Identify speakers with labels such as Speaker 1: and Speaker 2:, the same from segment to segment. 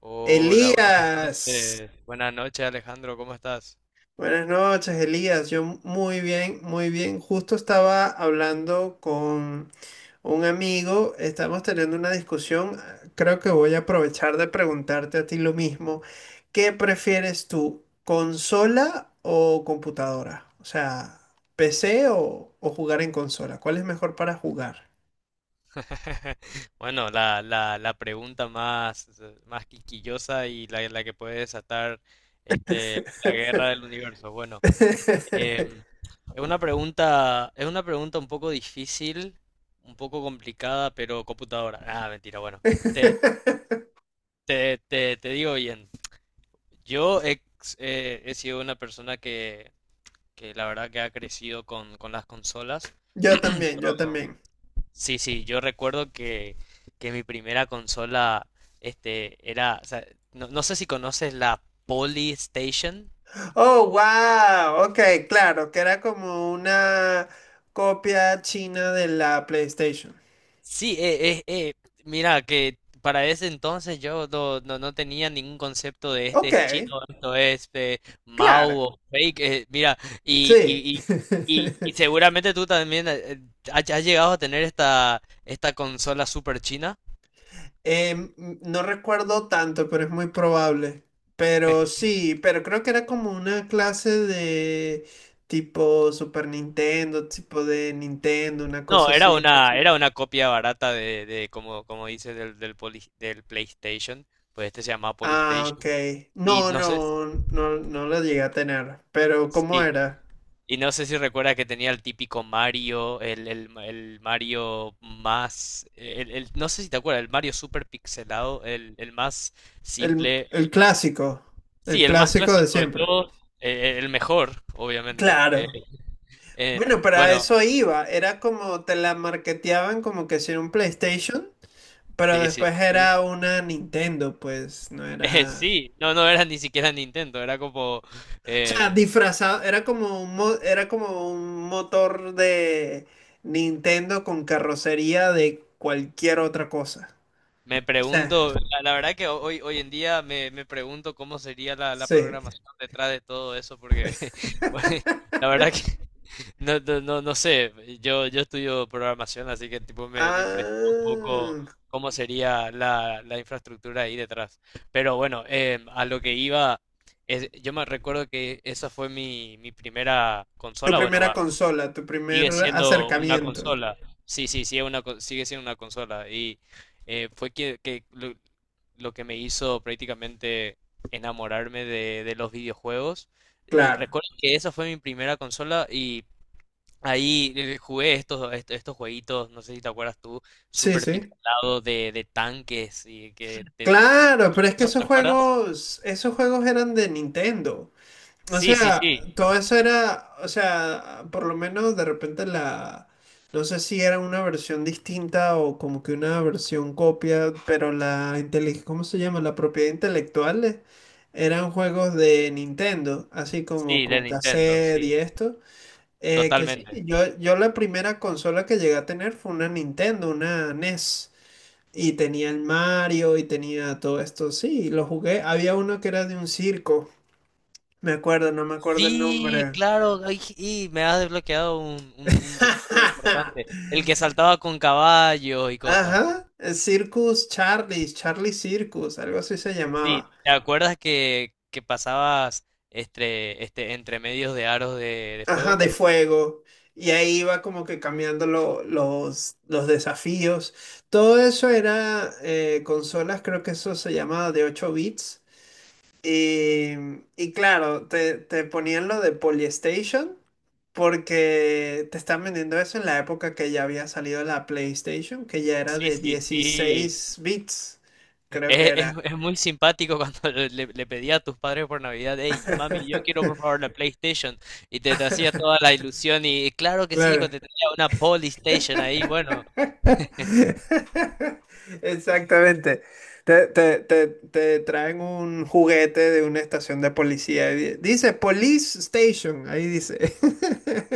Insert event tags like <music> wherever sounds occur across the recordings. Speaker 1: Hola, buenas
Speaker 2: Elías,
Speaker 1: noches. Buenas noches, Alejandro, ¿cómo estás?
Speaker 2: buenas noches, Elías. Yo muy bien, muy bien. Justo estaba hablando con un amigo, estamos teniendo una discusión. Creo que voy a aprovechar de preguntarte a ti lo mismo. ¿Qué prefieres tú, consola o computadora? O sea, PC o jugar en consola. ¿Cuál es mejor para jugar?
Speaker 1: <laughs> Bueno, la pregunta más quisquillosa y la que puede desatar este, la guerra del universo. Bueno, em,
Speaker 2: <laughs>
Speaker 1: es una pregunta un poco difícil, un poco complicada, pero computadora. Ah, mentira, bueno. Te, te digo bien. Yo he sido una persona que la verdad que ha crecido con las consolas.
Speaker 2: Yo
Speaker 1: <clears throat>
Speaker 2: también, yo
Speaker 1: Yo
Speaker 2: también.
Speaker 1: Sí, sí, yo recuerdo que mi primera consola o sea, no sé si conoces la Polystation.
Speaker 2: Oh, wow. Ok, claro, que era como una copia china de la PlayStation.
Speaker 1: Sí, mira que para ese entonces yo no tenía ningún concepto de este
Speaker 2: Ok,
Speaker 1: es chino, esto es Mao
Speaker 2: claro.
Speaker 1: o fake, mira, y,
Speaker 2: Sí.
Speaker 1: y, y
Speaker 2: <laughs>
Speaker 1: seguramente tú también has llegado a tener esta consola super china.
Speaker 2: Em, no recuerdo tanto, pero es muy probable.
Speaker 1: <laughs>
Speaker 2: Pero sí, pero creo que era como una clase de tipo Super Nintendo, tipo de Nintendo, una
Speaker 1: No,
Speaker 2: cosa
Speaker 1: era
Speaker 2: así.
Speaker 1: una, era una copia barata de como dices, del PlayStation. Pues este se llamaba
Speaker 2: Ah, ok.
Speaker 1: PlayStation. Y
Speaker 2: No,
Speaker 1: no sé,
Speaker 2: no, no, no la llegué a tener. Pero ¿cómo
Speaker 1: sí,
Speaker 2: era?
Speaker 1: y no sé si recuerda que tenía el típico Mario, el Mario más, no sé si te acuerdas, el Mario super pixelado, el más
Speaker 2: El,
Speaker 1: simple,
Speaker 2: el clásico, el
Speaker 1: sí, el más
Speaker 2: clásico de
Speaker 1: clásico de
Speaker 2: siempre.
Speaker 1: todos, el mejor, obviamente. eh,
Speaker 2: Claro.
Speaker 1: en-
Speaker 2: Bueno, para
Speaker 1: bueno,
Speaker 2: eso iba. Era como te la marketeaban como que si era un PlayStation, pero
Speaker 1: sí, sí,
Speaker 2: después
Speaker 1: sí.
Speaker 2: era
Speaker 1: <laughs>
Speaker 2: una Nintendo, pues no
Speaker 1: Eh,
Speaker 2: era.
Speaker 1: sí, no, no era ni siquiera Nintendo, era como.
Speaker 2: O sea,
Speaker 1: em,
Speaker 2: disfrazado, era como un, era como un motor de Nintendo con carrocería de cualquier otra cosa.
Speaker 1: Me
Speaker 2: O sea,
Speaker 1: pregunto, la verdad que hoy en día me pregunto cómo sería la
Speaker 2: sí.
Speaker 1: programación detrás de todo eso, porque <laughs> bueno, la verdad que <laughs> no sé, yo estudio programación, así que tipo me impresiona un poco
Speaker 2: Ah,
Speaker 1: cómo sería la infraestructura ahí detrás. Pero bueno, a lo que iba, yo me recuerdo que esa fue mi primera
Speaker 2: tu
Speaker 1: consola, bueno,
Speaker 2: primera
Speaker 1: va.
Speaker 2: consola, tu primer
Speaker 1: Sigue siendo una
Speaker 2: acercamiento.
Speaker 1: consola. Sí, sí, sí, sigue siendo una consola. Y fue que lo que me hizo prácticamente enamorarme de los videojuegos. Eh,
Speaker 2: Claro.
Speaker 1: recuerdo que esa fue mi primera consola y ahí jugué estos, jueguitos, no sé si te acuerdas tú,
Speaker 2: Sí,
Speaker 1: super
Speaker 2: sí.
Speaker 1: pixelado de tanques y que te,
Speaker 2: Claro, pero es que
Speaker 1: ¿no? ¿Te acuerdas?
Speaker 2: esos juegos eran de Nintendo. O
Speaker 1: Sí, sí,
Speaker 2: sea,
Speaker 1: sí,
Speaker 2: todo eso era, o sea, por lo menos de repente la, no sé si era una versión distinta o como que una versión copia, pero la ¿cómo se llama? La propiedad intelectual eran juegos de Nintendo, así como
Speaker 1: sí, del
Speaker 2: con
Speaker 1: Nintendo,
Speaker 2: cassette
Speaker 1: sí,
Speaker 2: y esto. Que sí,
Speaker 1: totalmente.
Speaker 2: yo la primera consola que llegué a tener fue una Nintendo, una NES. Y tenía el Mario y tenía todo esto. Sí, lo jugué. Había uno que era de un circo. Me acuerdo, no me acuerdo el
Speaker 1: Sí,
Speaker 2: nombre.
Speaker 1: claro, ay, y me has desbloqueado un recuerdo importante,
Speaker 2: <laughs>
Speaker 1: el que saltaba con caballos y cosas así.
Speaker 2: Ajá, el Circus Charlie, Charlie Circus, algo así se
Speaker 1: Sí,
Speaker 2: llamaba.
Speaker 1: ¿te acuerdas que pasabas entre medios de aros de
Speaker 2: Ajá,
Speaker 1: fuego?
Speaker 2: de fuego. Y ahí iba como que cambiando los desafíos. Todo eso era consolas, creo que eso se llamaba de 8 bits. Y, y claro, te ponían lo de Polystation. Porque te están vendiendo eso en la época que ya había salido la PlayStation, que ya era
Speaker 1: Sí,
Speaker 2: de
Speaker 1: sí, sí.
Speaker 2: dieciséis bits, creo que
Speaker 1: Es, es-
Speaker 2: era.
Speaker 1: es muy simpático cuando <laughs> le pedía a tus padres por Navidad, hey, mami, yo quiero
Speaker 2: <laughs>
Speaker 1: por favor la PlayStation. Y te hacía toda la ilusión y claro que sí, hijo,
Speaker 2: Claro.
Speaker 1: te tenía una Polystation ahí, bueno.
Speaker 2: <laughs> Exactamente. Te traen un juguete de una estación de policía. Y dice Police Station, ahí dice. <laughs>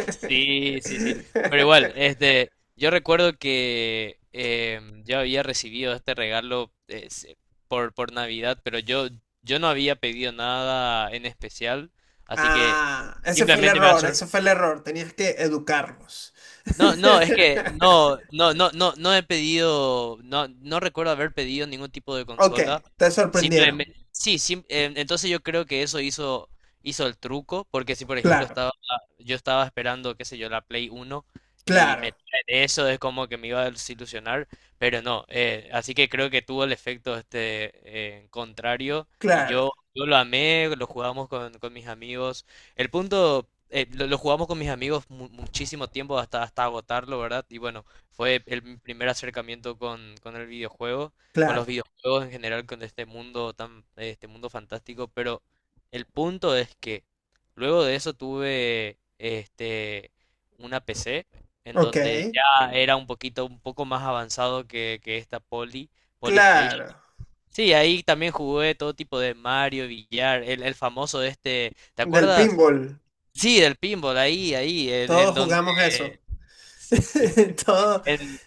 Speaker 1: Sí, sí, sí. Pero igual, yo recuerdo que yo había recibido este regalo por Navidad, pero yo no había pedido nada en especial, así que
Speaker 2: Ah, ese fue el
Speaker 1: simplemente
Speaker 2: error, ese fue el error. Tenías que educarlos.
Speaker 1: no, no, es que
Speaker 2: <laughs>
Speaker 1: no he pedido, no, no recuerdo haber pedido ningún tipo de
Speaker 2: Ok,
Speaker 1: consola.
Speaker 2: te sorprendieron.
Speaker 1: Simplemente, sí, entonces yo creo que eso hizo el truco, porque si por ejemplo
Speaker 2: Claro,
Speaker 1: yo estaba esperando, qué sé yo, la Play Uno y me
Speaker 2: claro,
Speaker 1: traen eso es como que me iba a desilusionar, pero no, así que creo que tuvo el efecto este contrario y
Speaker 2: claro,
Speaker 1: yo lo amé, lo jugamos con mis amigos. El punto, lo jugamos con mis amigos muchísimo tiempo hasta agotarlo, ¿verdad? Y bueno, fue el mi primer acercamiento con el videojuego, con los
Speaker 2: claro.
Speaker 1: videojuegos en general, con este mundo fantástico. Pero el punto es que luego de eso tuve una PC en
Speaker 2: Ok,
Speaker 1: donde ya era un poco más avanzado que esta Polystation.
Speaker 2: claro.
Speaker 1: Sí, ahí también jugué todo tipo de Mario, billar, el famoso ¿te
Speaker 2: Del
Speaker 1: acuerdas?
Speaker 2: pinball.
Speaker 1: Sí, del pinball, ahí, en
Speaker 2: Todos
Speaker 1: donde
Speaker 2: jugamos eso.
Speaker 1: sí,
Speaker 2: <laughs> Todo,
Speaker 1: en-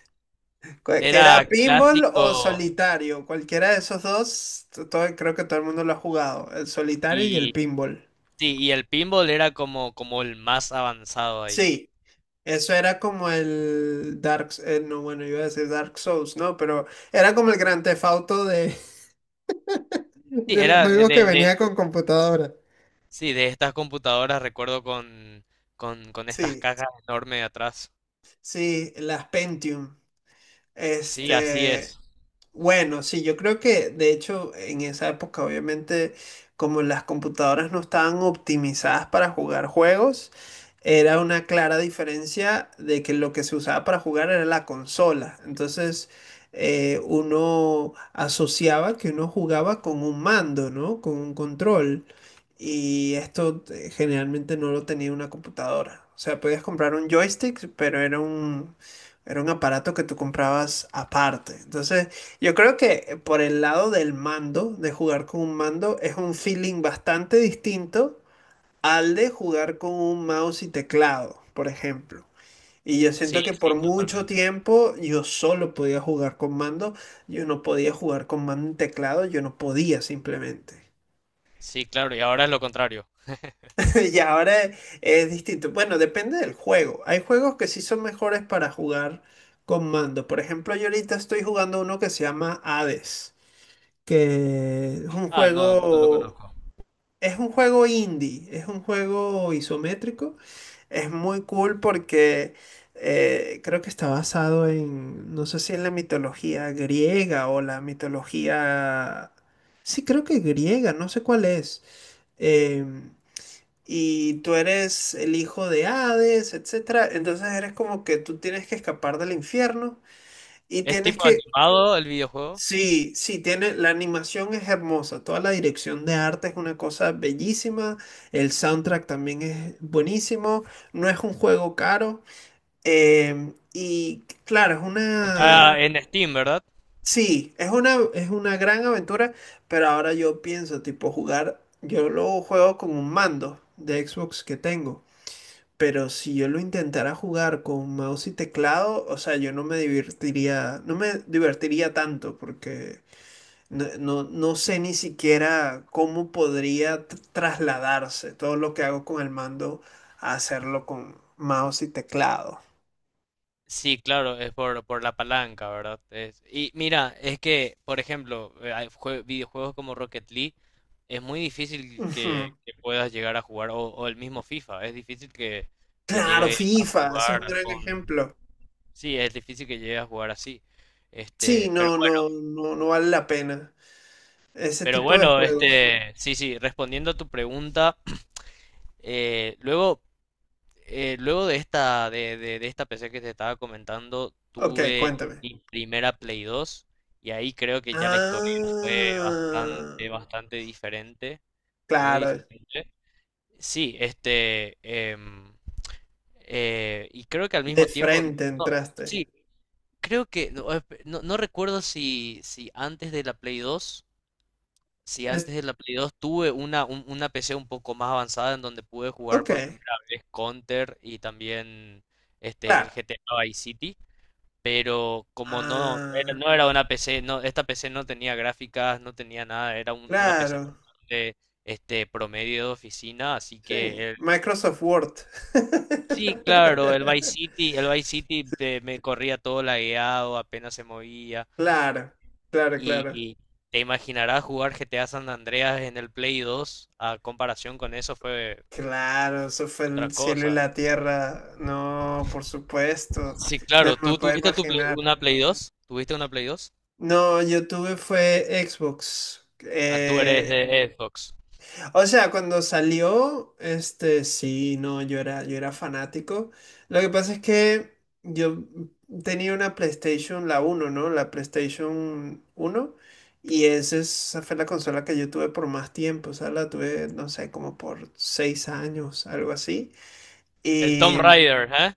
Speaker 2: que era
Speaker 1: era
Speaker 2: pinball o
Speaker 1: clásico
Speaker 2: solitario. Cualquiera de esos dos, todo, creo que todo el mundo lo ha jugado. El solitario y el
Speaker 1: y
Speaker 2: pinball.
Speaker 1: sí, y el pinball era como el más avanzado ahí.
Speaker 2: Sí, eso era como el Dark... no, bueno, iba a decir Dark Souls, ¿no? Pero era como el gran Theft Auto de, <laughs>
Speaker 1: Sí,
Speaker 2: de los
Speaker 1: era
Speaker 2: juegos que venía con computadora.
Speaker 1: sí, de estas computadoras, recuerdo con estas
Speaker 2: Sí,
Speaker 1: cajas enormes atrás.
Speaker 2: sí, las Pentium.
Speaker 1: Sí, así
Speaker 2: Este,
Speaker 1: es.
Speaker 2: bueno, sí, yo creo que de hecho en esa época obviamente como las computadoras no estaban optimizadas para jugar juegos, era una clara diferencia de que lo que se usaba para jugar era la consola. Entonces uno asociaba que uno jugaba con un mando, ¿no? Con un control. Y esto generalmente no lo tenía una computadora. O sea, podías comprar un joystick, pero era era un aparato que tú comprabas aparte. Entonces... Yo creo que por el lado del mando, de jugar con un mando, es un feeling bastante distinto al de jugar con un mouse y teclado, por ejemplo. Y yo
Speaker 1: Sí,
Speaker 2: siento que
Speaker 1: sí,
Speaker 2: por mucho
Speaker 1: totalmente.
Speaker 2: tiempo yo solo podía jugar con mando, yo no podía jugar con mando y teclado, yo no podía simplemente.
Speaker 1: Sí, claro, y ahora es lo contrario. <laughs>
Speaker 2: <laughs> Y ahora es distinto. Bueno, depende del juego. Hay juegos que sí son mejores para jugar con mando. Por ejemplo, yo ahorita estoy jugando uno que se llama Hades. Que
Speaker 1: Ah, no, no lo conozco.
Speaker 2: es un juego indie, es un juego isométrico, es muy cool porque creo que está basado en, no sé si en la mitología griega o la mitología, sí creo que griega, no sé cuál es. Em, y tú eres el hijo de Hades, etcétera. Entonces eres como que tú tienes que escapar del infierno y
Speaker 1: ¿Es
Speaker 2: tienes
Speaker 1: tipo
Speaker 2: que...
Speaker 1: animado el videojuego?
Speaker 2: Sí, sí, tiene, la animación es hermosa, toda la dirección de arte es una cosa bellísima, el soundtrack también es buenísimo, no es un juego caro, y claro, es una,
Speaker 1: Está en Steam, ¿verdad?
Speaker 2: sí, es una gran aventura, pero ahora yo pienso, tipo, jugar, yo lo juego con un mando de Xbox que tengo, pero si yo lo intentara jugar con mouse y teclado, o sea, yo no me divertiría, no me divertiría tanto, porque... No, no, no sé ni siquiera cómo podría trasladarse todo lo que hago con el mando a hacerlo con mouse y teclado.
Speaker 1: Sí, claro, es por la palanca, ¿verdad? Y mira, es que, por ejemplo, hay videojuegos como Rocket League, es muy difícil que,
Speaker 2: Ujú.
Speaker 1: que puedas llegar a jugar, o el mismo FIFA, es difícil que
Speaker 2: Claro,
Speaker 1: llegue a
Speaker 2: FIFA, ese es un
Speaker 1: jugar
Speaker 2: gran
Speaker 1: con.
Speaker 2: ejemplo.
Speaker 1: Sí, es difícil que llegue a jugar así.
Speaker 2: Sí,
Speaker 1: Este, pero
Speaker 2: no, no,
Speaker 1: bueno,
Speaker 2: no, no vale la pena. Ese
Speaker 1: pero
Speaker 2: tipo de
Speaker 1: bueno,
Speaker 2: juegos.
Speaker 1: sí, sí, respondiendo a tu pregunta, <clears throat> eh, luego... luego de esta, de esta PC que te estaba comentando,
Speaker 2: Ok,
Speaker 1: tuve
Speaker 2: cuéntame.
Speaker 1: mi primera Play 2 y ahí creo que ya la historia fue
Speaker 2: Ah,
Speaker 1: bastante, bastante diferente, muy
Speaker 2: claro,
Speaker 1: diferente. Sí, y creo que al
Speaker 2: de
Speaker 1: mismo tiempo,
Speaker 2: frente
Speaker 1: no,
Speaker 2: entraste.
Speaker 1: sí, creo que, no, no recuerdo si antes de la Play 2 si
Speaker 2: Es-
Speaker 1: antes de la Play 2 tuve una PC un poco más avanzada en donde pude jugar
Speaker 2: ok,
Speaker 1: por primera vez Counter y también el
Speaker 2: claro.
Speaker 1: GTA Vice City, pero como no era,
Speaker 2: Ah,
Speaker 1: no era una PC, no, esta PC no tenía gráficas, no tenía nada, era una PC
Speaker 2: claro.
Speaker 1: de promedio de oficina, así
Speaker 2: Sí,
Speaker 1: que
Speaker 2: Microsoft Word.
Speaker 1: sí, claro, el
Speaker 2: <laughs>
Speaker 1: Vice City, el Vice City me corría todo lagueado, apenas se movía.
Speaker 2: Claro, claro, claro.
Speaker 1: Y te imaginarás jugar GTA San Andreas en el Play 2 a comparación con eso fue
Speaker 2: Claro, eso fue el
Speaker 1: otra
Speaker 2: cielo y
Speaker 1: cosa.
Speaker 2: la tierra. No, por supuesto.
Speaker 1: Sí, claro,
Speaker 2: No me
Speaker 1: tú
Speaker 2: puedo
Speaker 1: tuviste
Speaker 2: imaginar.
Speaker 1: una Play 2, tuviste una Play 2.
Speaker 2: No, yo tuve fue Xbox.
Speaker 1: Ah, tú eres de Xbox.
Speaker 2: O sea, cuando salió, este, sí, no, yo era fanático. Lo que pasa es que yo tenía una PlayStation, la uno, ¿no? La PlayStation uno. Y esa, esa fue la consola que yo tuve por más tiempo. O sea, la tuve, no sé, como por seis años, algo así.
Speaker 1: El Tomb
Speaker 2: Y,
Speaker 1: Raider, ¿eh?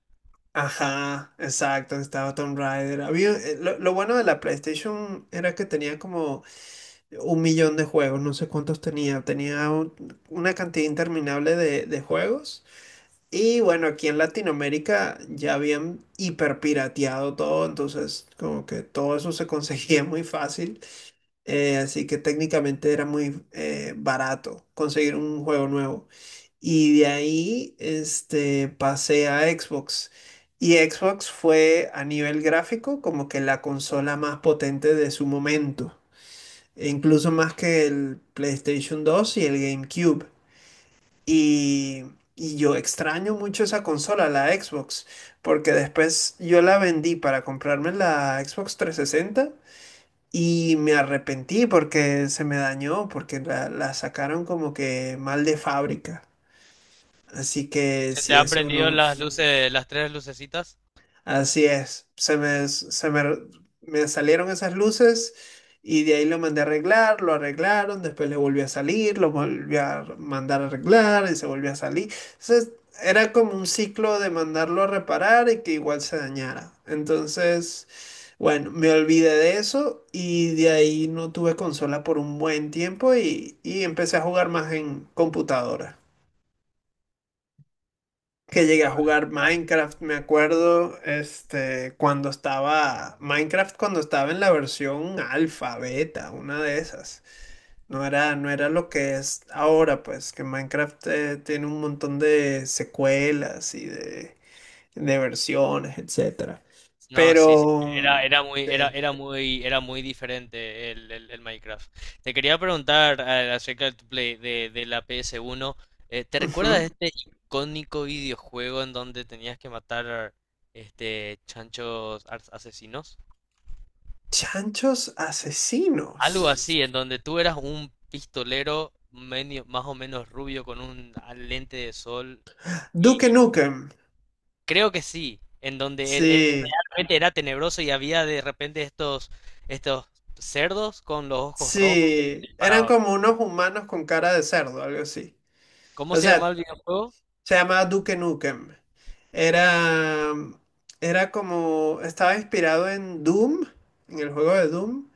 Speaker 2: ajá, exacto, estaba Tomb Raider. Había, lo bueno de la PlayStation era que tenía como un millón de juegos, no sé cuántos tenía, tenía una cantidad interminable de juegos. Y bueno, aquí en Latinoamérica ya habían hiperpirateado todo, entonces como que todo eso se conseguía <laughs> muy fácil, así que técnicamente era muy barato conseguir un juego nuevo. Y de ahí pasé a Xbox. Y Xbox fue a nivel gráfico como que la consola más potente de su momento e incluso más que el PlayStation 2 y el GameCube. Y, y yo extraño mucho esa consola, la Xbox, porque después yo la vendí para comprarme la Xbox 360 y me arrepentí porque se me dañó, porque la sacaron como que mal de fábrica. Así que
Speaker 1: ¿Se te
Speaker 2: si
Speaker 1: han
Speaker 2: eso
Speaker 1: prendido
Speaker 2: no...
Speaker 1: las luces, las tres lucecitas?
Speaker 2: Así es, me salieron esas luces y de ahí lo mandé a arreglar, lo arreglaron, después le volvió a salir, lo volví a mandar a arreglar y se volvió a salir. Entonces era como un ciclo de mandarlo a reparar y que igual se dañara. Entonces, bueno, me olvidé de eso y de ahí no tuve consola por un buen tiempo y empecé a jugar más en computadora que llegué a
Speaker 1: Vale,
Speaker 2: jugar
Speaker 1: vaya.
Speaker 2: Minecraft, me acuerdo, cuando estaba, Minecraft cuando estaba en la versión alfa, beta, una de esas. No era, no era lo que es ahora, pues, que Minecraft tiene un montón de secuelas y de versiones, etcétera.
Speaker 1: No, sí, sí.
Speaker 2: Pero, sí.
Speaker 1: Era muy diferente el Minecraft. Te quería preguntar acerca de tu play de la PS1. ¿Te recuerdas de
Speaker 2: Ujú.
Speaker 1: este icónico videojuego en donde tenías que matar chanchos asesinos?
Speaker 2: Chanchos asesinos.
Speaker 1: Algo así, en donde tú eras un pistolero más o menos rubio con un lente de sol.
Speaker 2: Duke Nukem.
Speaker 1: Creo que sí, en donde
Speaker 2: Sí,
Speaker 1: realmente era tenebroso y había de repente estos cerdos con los ojos rojos que te
Speaker 2: sí. Eran
Speaker 1: disparaban.
Speaker 2: como unos humanos con cara de cerdo, algo así.
Speaker 1: ¿Cómo
Speaker 2: O
Speaker 1: se llamaba
Speaker 2: sea,
Speaker 1: el videojuego?
Speaker 2: se llamaba Duke Nukem. Era, era como, estaba inspirado en Doom, en el juego de Doom,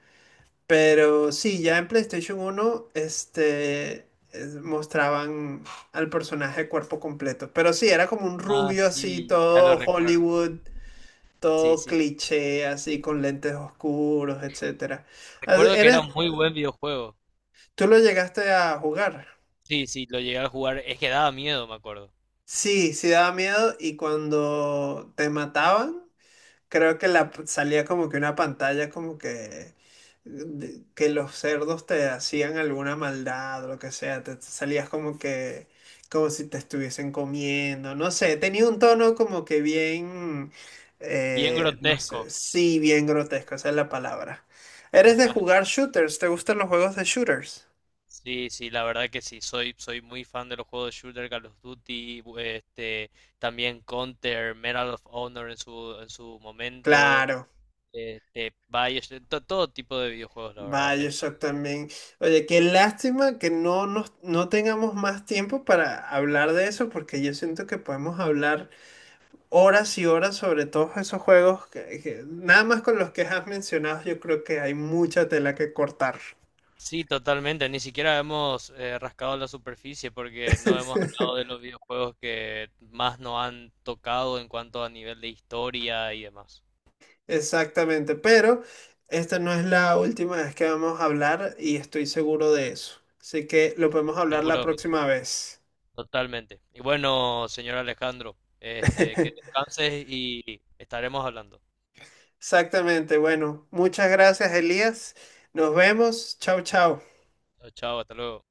Speaker 2: pero sí, ya en PlayStation uno, mostraban al personaje cuerpo completo. Pero sí, era como un
Speaker 1: Ah,
Speaker 2: rubio así,
Speaker 1: sí, ya lo
Speaker 2: todo
Speaker 1: recuerdo.
Speaker 2: Hollywood,
Speaker 1: Sí,
Speaker 2: todo
Speaker 1: sí, sí.
Speaker 2: cliché, así con lentes oscuros, etcétera. Ah,
Speaker 1: Recuerdo que era
Speaker 2: ¿eres,
Speaker 1: un muy buen videojuego.
Speaker 2: tú lo llegaste a jugar?
Speaker 1: Sí, sí, lo llegué a jugar. Es que daba miedo, me acuerdo.
Speaker 2: Sí, sí daba miedo. Y cuando te mataban, creo que la salía como que una pantalla como que que los cerdos te hacían alguna maldad o lo que sea, te te salías como que como si te estuviesen comiendo, no sé, tenía un tono como que bien
Speaker 1: Bien
Speaker 2: no
Speaker 1: grotesco.
Speaker 2: sé, sí, bien grotesco, esa es la palabra. ¿Eres de
Speaker 1: <laughs>
Speaker 2: jugar shooters? ¿Te gustan los juegos de shooters?
Speaker 1: Sí, sí, la verdad que sí. Soy muy fan de los juegos de shooter, Call of Duty, también Counter, Medal of Honor en su momento.
Speaker 2: Claro.
Speaker 1: Bioshock, todo tipo de videojuegos, la verdad.
Speaker 2: Vaya, yo también. Oye, qué lástima que no, nos, no tengamos más tiempo para hablar de eso, porque yo siento que podemos hablar horas y horas sobre todos esos juegos que, nada más con los que has mencionado, yo creo que hay mucha tela que cortar.
Speaker 1: Sí, totalmente. Ni siquiera hemos rascado la superficie porque no hemos hablado de
Speaker 2: <laughs>
Speaker 1: los videojuegos que más nos han tocado en cuanto a nivel de historia y demás.
Speaker 2: Exactamente, pero esta no es la última vez que vamos a hablar y estoy seguro de eso. Así que lo podemos hablar la
Speaker 1: Seguro,
Speaker 2: próxima vez.
Speaker 1: totalmente. Y bueno, señor Alejandro, que
Speaker 2: <laughs>
Speaker 1: descanses y estaremos hablando.
Speaker 2: Exactamente. Bueno, muchas gracias, Elías. Nos vemos. Chao, chao.
Speaker 1: Chao, chao, hasta luego.